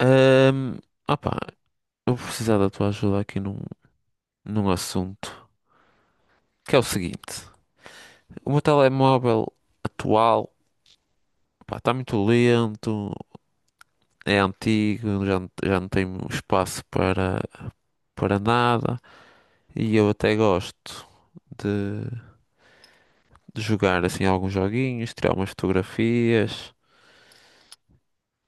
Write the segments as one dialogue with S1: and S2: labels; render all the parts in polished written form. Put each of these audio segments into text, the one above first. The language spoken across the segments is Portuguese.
S1: Ahm, opá, eu vou precisar da tua ajuda aqui num assunto, que é o seguinte. O meu telemóvel atual, pá, está muito lento, é antigo, já, já não tem espaço para nada e eu até gosto de, de jogar assim alguns joguinhos, tirar umas fotografias,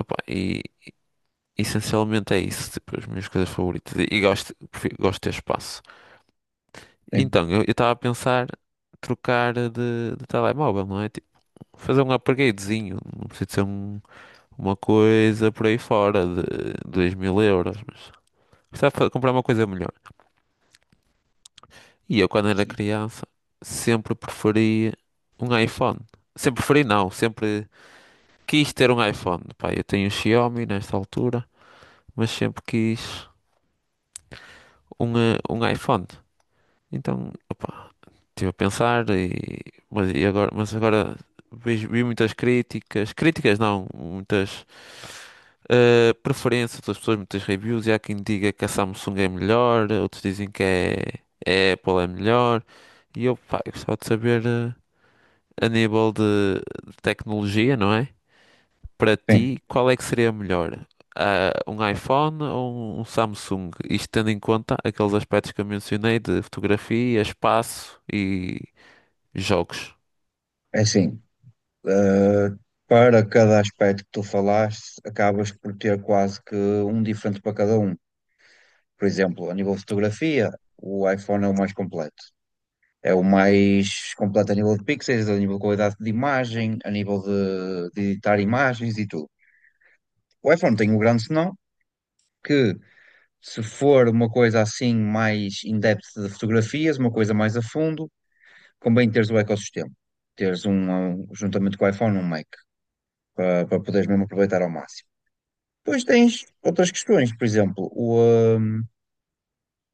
S1: opá, e essencialmente é isso, tipo, as minhas coisas favoritas e gosto, gosto de ter espaço.
S2: Sim,
S1: Então, eu estava a pensar trocar de telemóvel, não é? Tipo, fazer um upgradezinho. Não precisa de ser uma coisa por aí fora de 2000 euros. Mas precisava comprar uma coisa melhor. E eu, quando era
S2: sim.
S1: criança, sempre preferi um iPhone. Sempre preferi, não. Sempre quis ter um iPhone. Pá, eu tenho um Xiaomi nesta altura, mas sempre quis um iPhone. Então, opá, estive a pensar mas agora vi muitas críticas, críticas não, muitas preferências das pessoas, muitas reviews, e há quem diga que a Samsung é melhor, outros dizem que é a Apple é melhor, e eu, pá, eu gostava de saber, a nível de tecnologia, não é? Para
S2: Sim.
S1: ti, qual é que seria a melhor? Ah, um iPhone ou um Samsung? Isto tendo em conta aqueles aspectos que eu mencionei de fotografia, espaço e jogos,
S2: É assim, eh, para cada aspecto que tu falaste, acabas por ter quase que um diferente para cada um. Por exemplo, a nível de fotografia, o iPhone é o mais completo. É o mais completo a nível de pixels, a nível de qualidade de imagem, a nível de editar imagens e tudo. O iPhone tem um grande senão que, se for uma coisa assim mais in-depth de fotografias, uma coisa mais a fundo, convém teres o ecossistema. Teres um juntamente com o iPhone, um Mac. Para, para poderes mesmo aproveitar ao máximo. Depois tens outras questões, por exemplo, o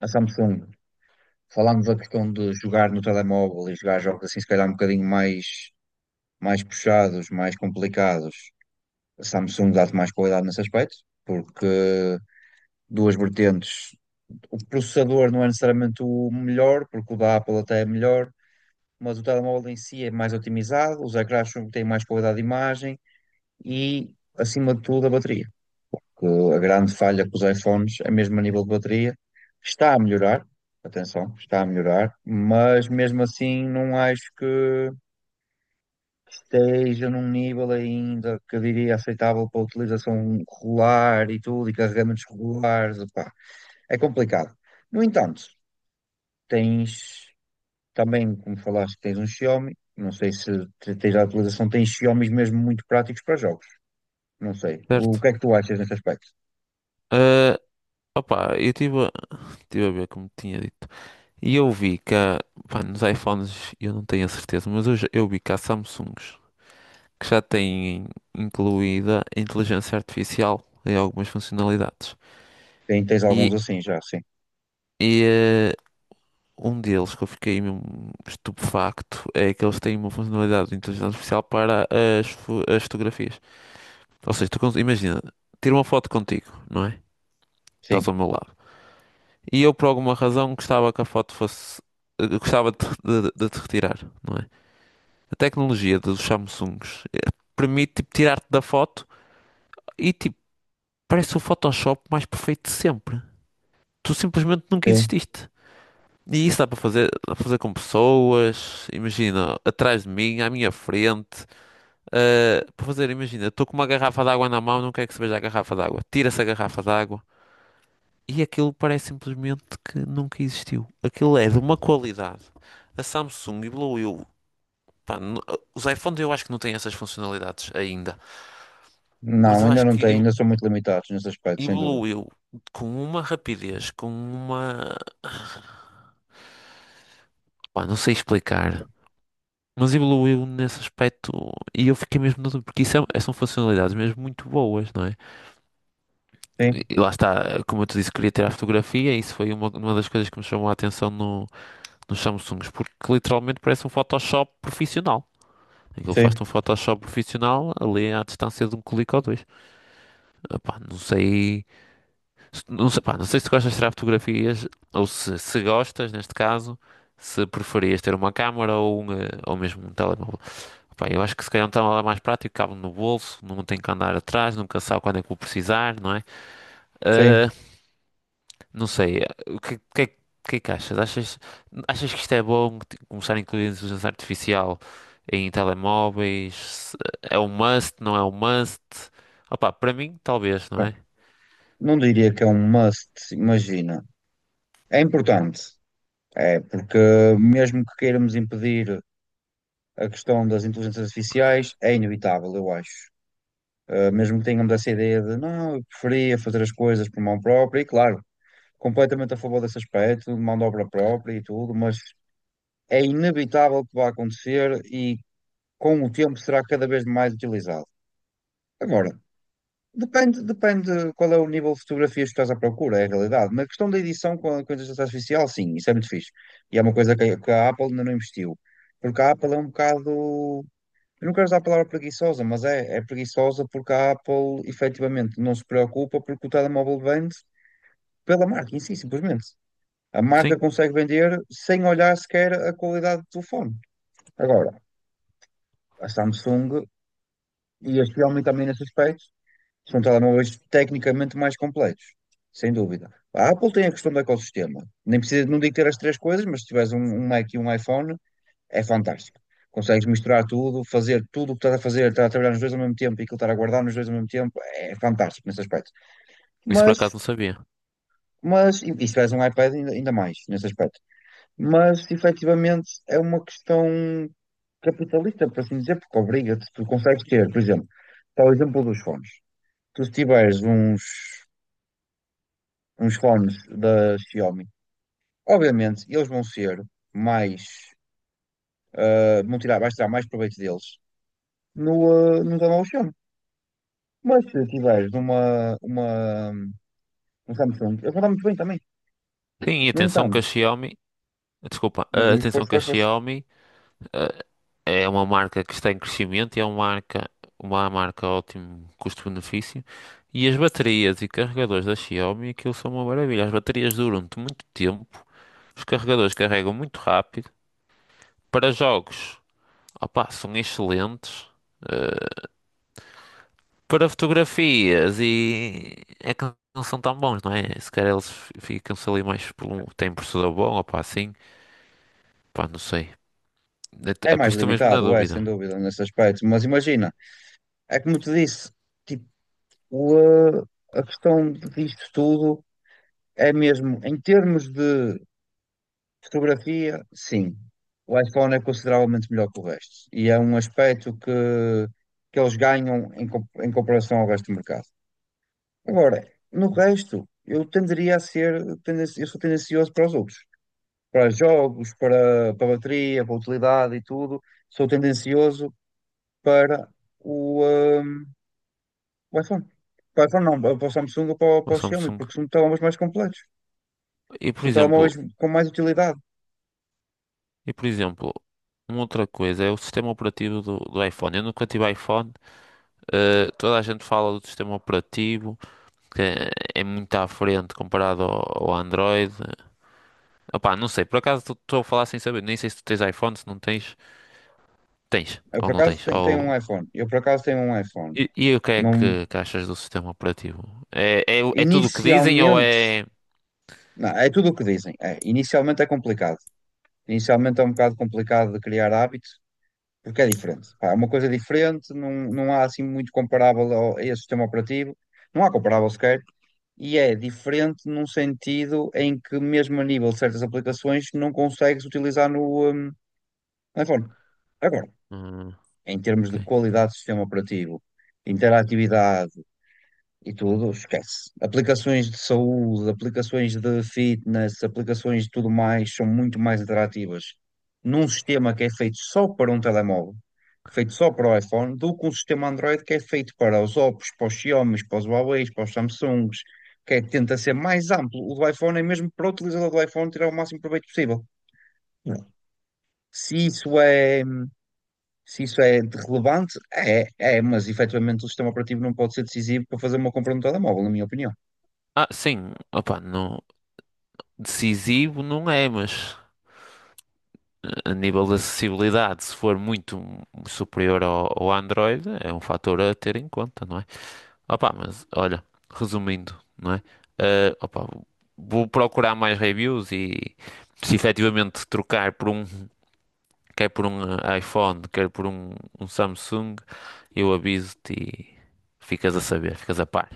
S2: a Samsung, falando da questão de jogar no telemóvel e jogar jogos assim, se calhar um bocadinho mais, mais puxados, mais complicados, a Samsung dá-te mais qualidade nesse aspecto, porque duas vertentes, o processador não é necessariamente o melhor, porque o da Apple até é melhor, mas o telemóvel em si é mais otimizado, os ecrãs têm mais qualidade de imagem e, acima de tudo, a bateria. Que A grande falha com os iPhones é mesmo a nível de bateria. Que Está a melhorar, atenção, está a melhorar, mas mesmo assim não acho que esteja num nível ainda que eu diria aceitável para utilização regular e tudo, e carregamentos regulares, opá, é complicado. No entanto, tens também, como falaste, tens um Xiaomi, não sei se tens a utilização, tens Xiaomis mesmo muito práticos para jogos, não sei. O
S1: certo?
S2: que é que tu achas nesse aspecto?
S1: Ah, opá, eu tive a ver como tinha dito. E eu vi que há, pá, nos iPhones, eu não tenho a certeza, mas eu, eu vi que há Samsungs que já têm incluída a inteligência artificial em algumas funcionalidades.
S2: Tens alguns
S1: E,
S2: assim já.
S1: e um deles que eu fiquei mesmo estupefacto é que eles têm uma funcionalidade de inteligência artificial para as fotografias. Ou seja, tu imagina, tiro uma foto contigo, não é? Estás
S2: Sim.
S1: ao meu lado. E eu, por alguma razão, gostava que a foto fosse. Gostava de te retirar, não é? A tecnologia dos Samsungs permite, tipo, tirar-te da foto e, tipo, parece o Photoshop mais perfeito de sempre. Tu simplesmente nunca
S2: Sim.
S1: exististe. E isso dá para fazer com pessoas, imagina, atrás de mim, à minha frente. Para fazer, imagina, estou com uma garrafa de água na mão, não quero que se veja a garrafa de água. Tira-se a garrafa de água. E aquilo parece simplesmente que nunca existiu. Aquilo é de uma qualidade. A Samsung evoluiu. Pá, os iPhones eu acho que não têm essas funcionalidades ainda. Mas
S2: Não,
S1: eu
S2: ainda
S1: acho
S2: não
S1: que
S2: tenho, ainda são muito limitados nesse aspecto, sem dúvida.
S1: evoluiu com uma rapidez, com uma. Pá, não sei
S2: Sim.
S1: explicar. Mas evoluiu nesse aspecto e eu fiquei mesmo na dúvida, porque isso é, são funcionalidades mesmo muito boas, não é? E
S2: Sim,
S1: e lá está, como eu te disse, queria tirar a fotografia e isso foi uma das coisas que me chamou a atenção no, nos Samsungs, porque literalmente parece um Photoshop profissional. Aquilo faz-te
S2: sim,
S1: um Photoshop profissional ali à distância de um clique ou dois. Epá, não sei, pá, não sei se gostas de tirar fotografias ou se gostas, neste caso, se preferias ter uma câmara ou mesmo um telemóvel. Epá, eu acho que se calhar um telemóvel é mais prático, cabe no bolso, não tem que andar atrás, nunca sabe quando é que vou precisar, não é?
S2: sim.
S1: Eh, não sei, o que é que achas? Achas que isto é bom começar a incluir a inteligência artificial em telemóveis? É um must, não é um must? Opa, para mim, talvez, não é?
S2: Não diria que é um must, imagina. É importante, é, porque mesmo que queiramos impedir a questão das inteligências artificiais, é inevitável, eu acho. Mesmo que tenhamos essa ideia de não, eu preferia fazer as coisas por mão própria, e claro, completamente a favor desse aspecto, de mão de obra própria e tudo, mas é inevitável que vá acontecer e com o tempo será cada vez mais utilizado. Agora, depende, depende qual é o nível de fotografias que estás à procura, é a realidade. Na questão da edição com a inteligência artificial, sim, isso é muito fixe. E é uma coisa que a Apple ainda não investiu. Porque a Apple é um bocado. Eu não quero usar a palavra preguiçosa, mas é, é preguiçosa porque a Apple efetivamente não se preocupa porque o telemóvel vende pela marca em si, simplesmente. A
S1: Sim,
S2: marca consegue vender sem olhar sequer a qualidade do telefone. Agora, a Samsung, e a Xiaomi também nesse aspecto, são telemóveis tecnicamente mais completos, sem dúvida. A Apple tem a questão do ecossistema. Nem precisa, não digo ter as três coisas, mas se tiveres um Mac e um iPhone, é fantástico. Consegues misturar tudo, fazer tudo o que estás a fazer, estar a trabalhar nos dois ao mesmo tempo e aquilo estar a guardar nos dois ao mesmo tempo, é fantástico nesse aspecto.
S1: isso por acaso
S2: Mas,
S1: não sabia.
S2: mas e se tiveres um iPad, ainda, ainda mais nesse aspecto. Mas, efetivamente, é uma questão capitalista, por assim dizer, porque obriga-te, tu consegues ter, por exemplo, está o exemplo dos fones. Tu se tiveres uns fones da Xiaomi. Obviamente, eles vão ser mais, vão tirar, vais tirar mais proveito deles no, no telemóvel Xiaomi. Mas se tiveres um Samsung, eles vão dar muito bem também.
S1: Sim, e
S2: No
S1: atenção que
S2: entanto,
S1: a Xiaomi, desculpa,
S2: diz
S1: atenção
S2: esforço,
S1: que
S2: esforço,
S1: a
S2: esforço.
S1: Xiaomi, é uma marca que está em crescimento e é uma marca ótimo custo-benefício. E as baterias e carregadores da Xiaomi, aquilo são uma maravilha. As baterias duram-te muito tempo, os carregadores carregam muito rápido. Para jogos, opa, são excelentes. eh, para fotografias e é que não são tão bons, não é? Se calhar eles ficam-se ali mais por um. Tem processador bom, ou pá, assim, pá, não sei.
S2: É
S1: É por
S2: mais
S1: isso que estou mesmo na
S2: limitado, é, sem
S1: dúvida.
S2: dúvida, nesse aspecto. Mas imagina, é como te disse, tipo, ah, a questão disto tudo é mesmo, em termos de fotografia, sim. O iPhone é consideravelmente melhor que o resto. E é um aspecto que eles ganham em, em comparação ao resto do mercado. Agora, no resto, eu tenderia a ser, eu sou tendencioso para os outros. Para jogos, para, para bateria, para utilidade e tudo, sou tendencioso para o, hum, o iPhone. Para o iPhone não, para o Samsung ou para, o
S1: O
S2: para o Xiaomi,
S1: Samsung.
S2: porque são telemóveis mais completos.
S1: E por
S2: São
S1: exemplo,
S2: telemóveis com mais utilidade.
S1: e por exemplo, uma outra coisa é o sistema operativo do iPhone. Eu nunca tive iPhone, toda a gente fala do sistema operativo, que é muito à frente comparado ao Android. Opá, não sei, por acaso estou a falar sem saber, nem sei se tu tens iPhone, se não tens. Tens,
S2: Eu,
S1: ou
S2: por
S1: não
S2: acaso,
S1: tens,
S2: tenho, tenho um
S1: ou.
S2: iPhone. Eu, por acaso, tenho um iPhone.
S1: E o que é
S2: Não,
S1: que achas do sistema operativo? É tudo o que dizem ou
S2: inicialmente,
S1: é.
S2: não, é tudo o que dizem. É, inicialmente é complicado. Inicialmente é um bocado complicado de criar hábito, porque é diferente. Pá, é uma coisa diferente, não, não há assim muito comparável a esse sistema operativo, não há comparável sequer, e é diferente num sentido em que, mesmo a nível de certas aplicações, não consegues utilizar no, iPhone. Agora,
S1: Hum,
S2: em termos
S1: ok.
S2: de qualidade do sistema operativo, interatividade e tudo, esquece. Aplicações de saúde, aplicações de fitness, aplicações de tudo mais são muito mais atrativas num sistema que é feito só para um telemóvel, feito só para o iPhone, do que um sistema Android que é feito para os Oppos, para os Xiaomi, para os Huawei, para os Samsungs, que é, que tenta ser mais amplo. O do iPhone é mesmo para o utilizador do iPhone tirar o máximo proveito possível. Não. Se isso é, se isso é de relevante, é, é, mas efetivamente o sistema operativo não pode ser decisivo para fazer uma compra no telemóvel, na minha opinião.
S1: Ah, sim, opa, não, decisivo não é, mas, a nível de acessibilidade, se for muito superior ao Android, é um fator a ter em conta, não é? Opa, mas olha, resumindo, não é? Ah, opa, vou procurar mais reviews e se efetivamente trocar por um quer por um iPhone, quer por um Samsung, eu aviso-te e ficas a saber, ficas a par.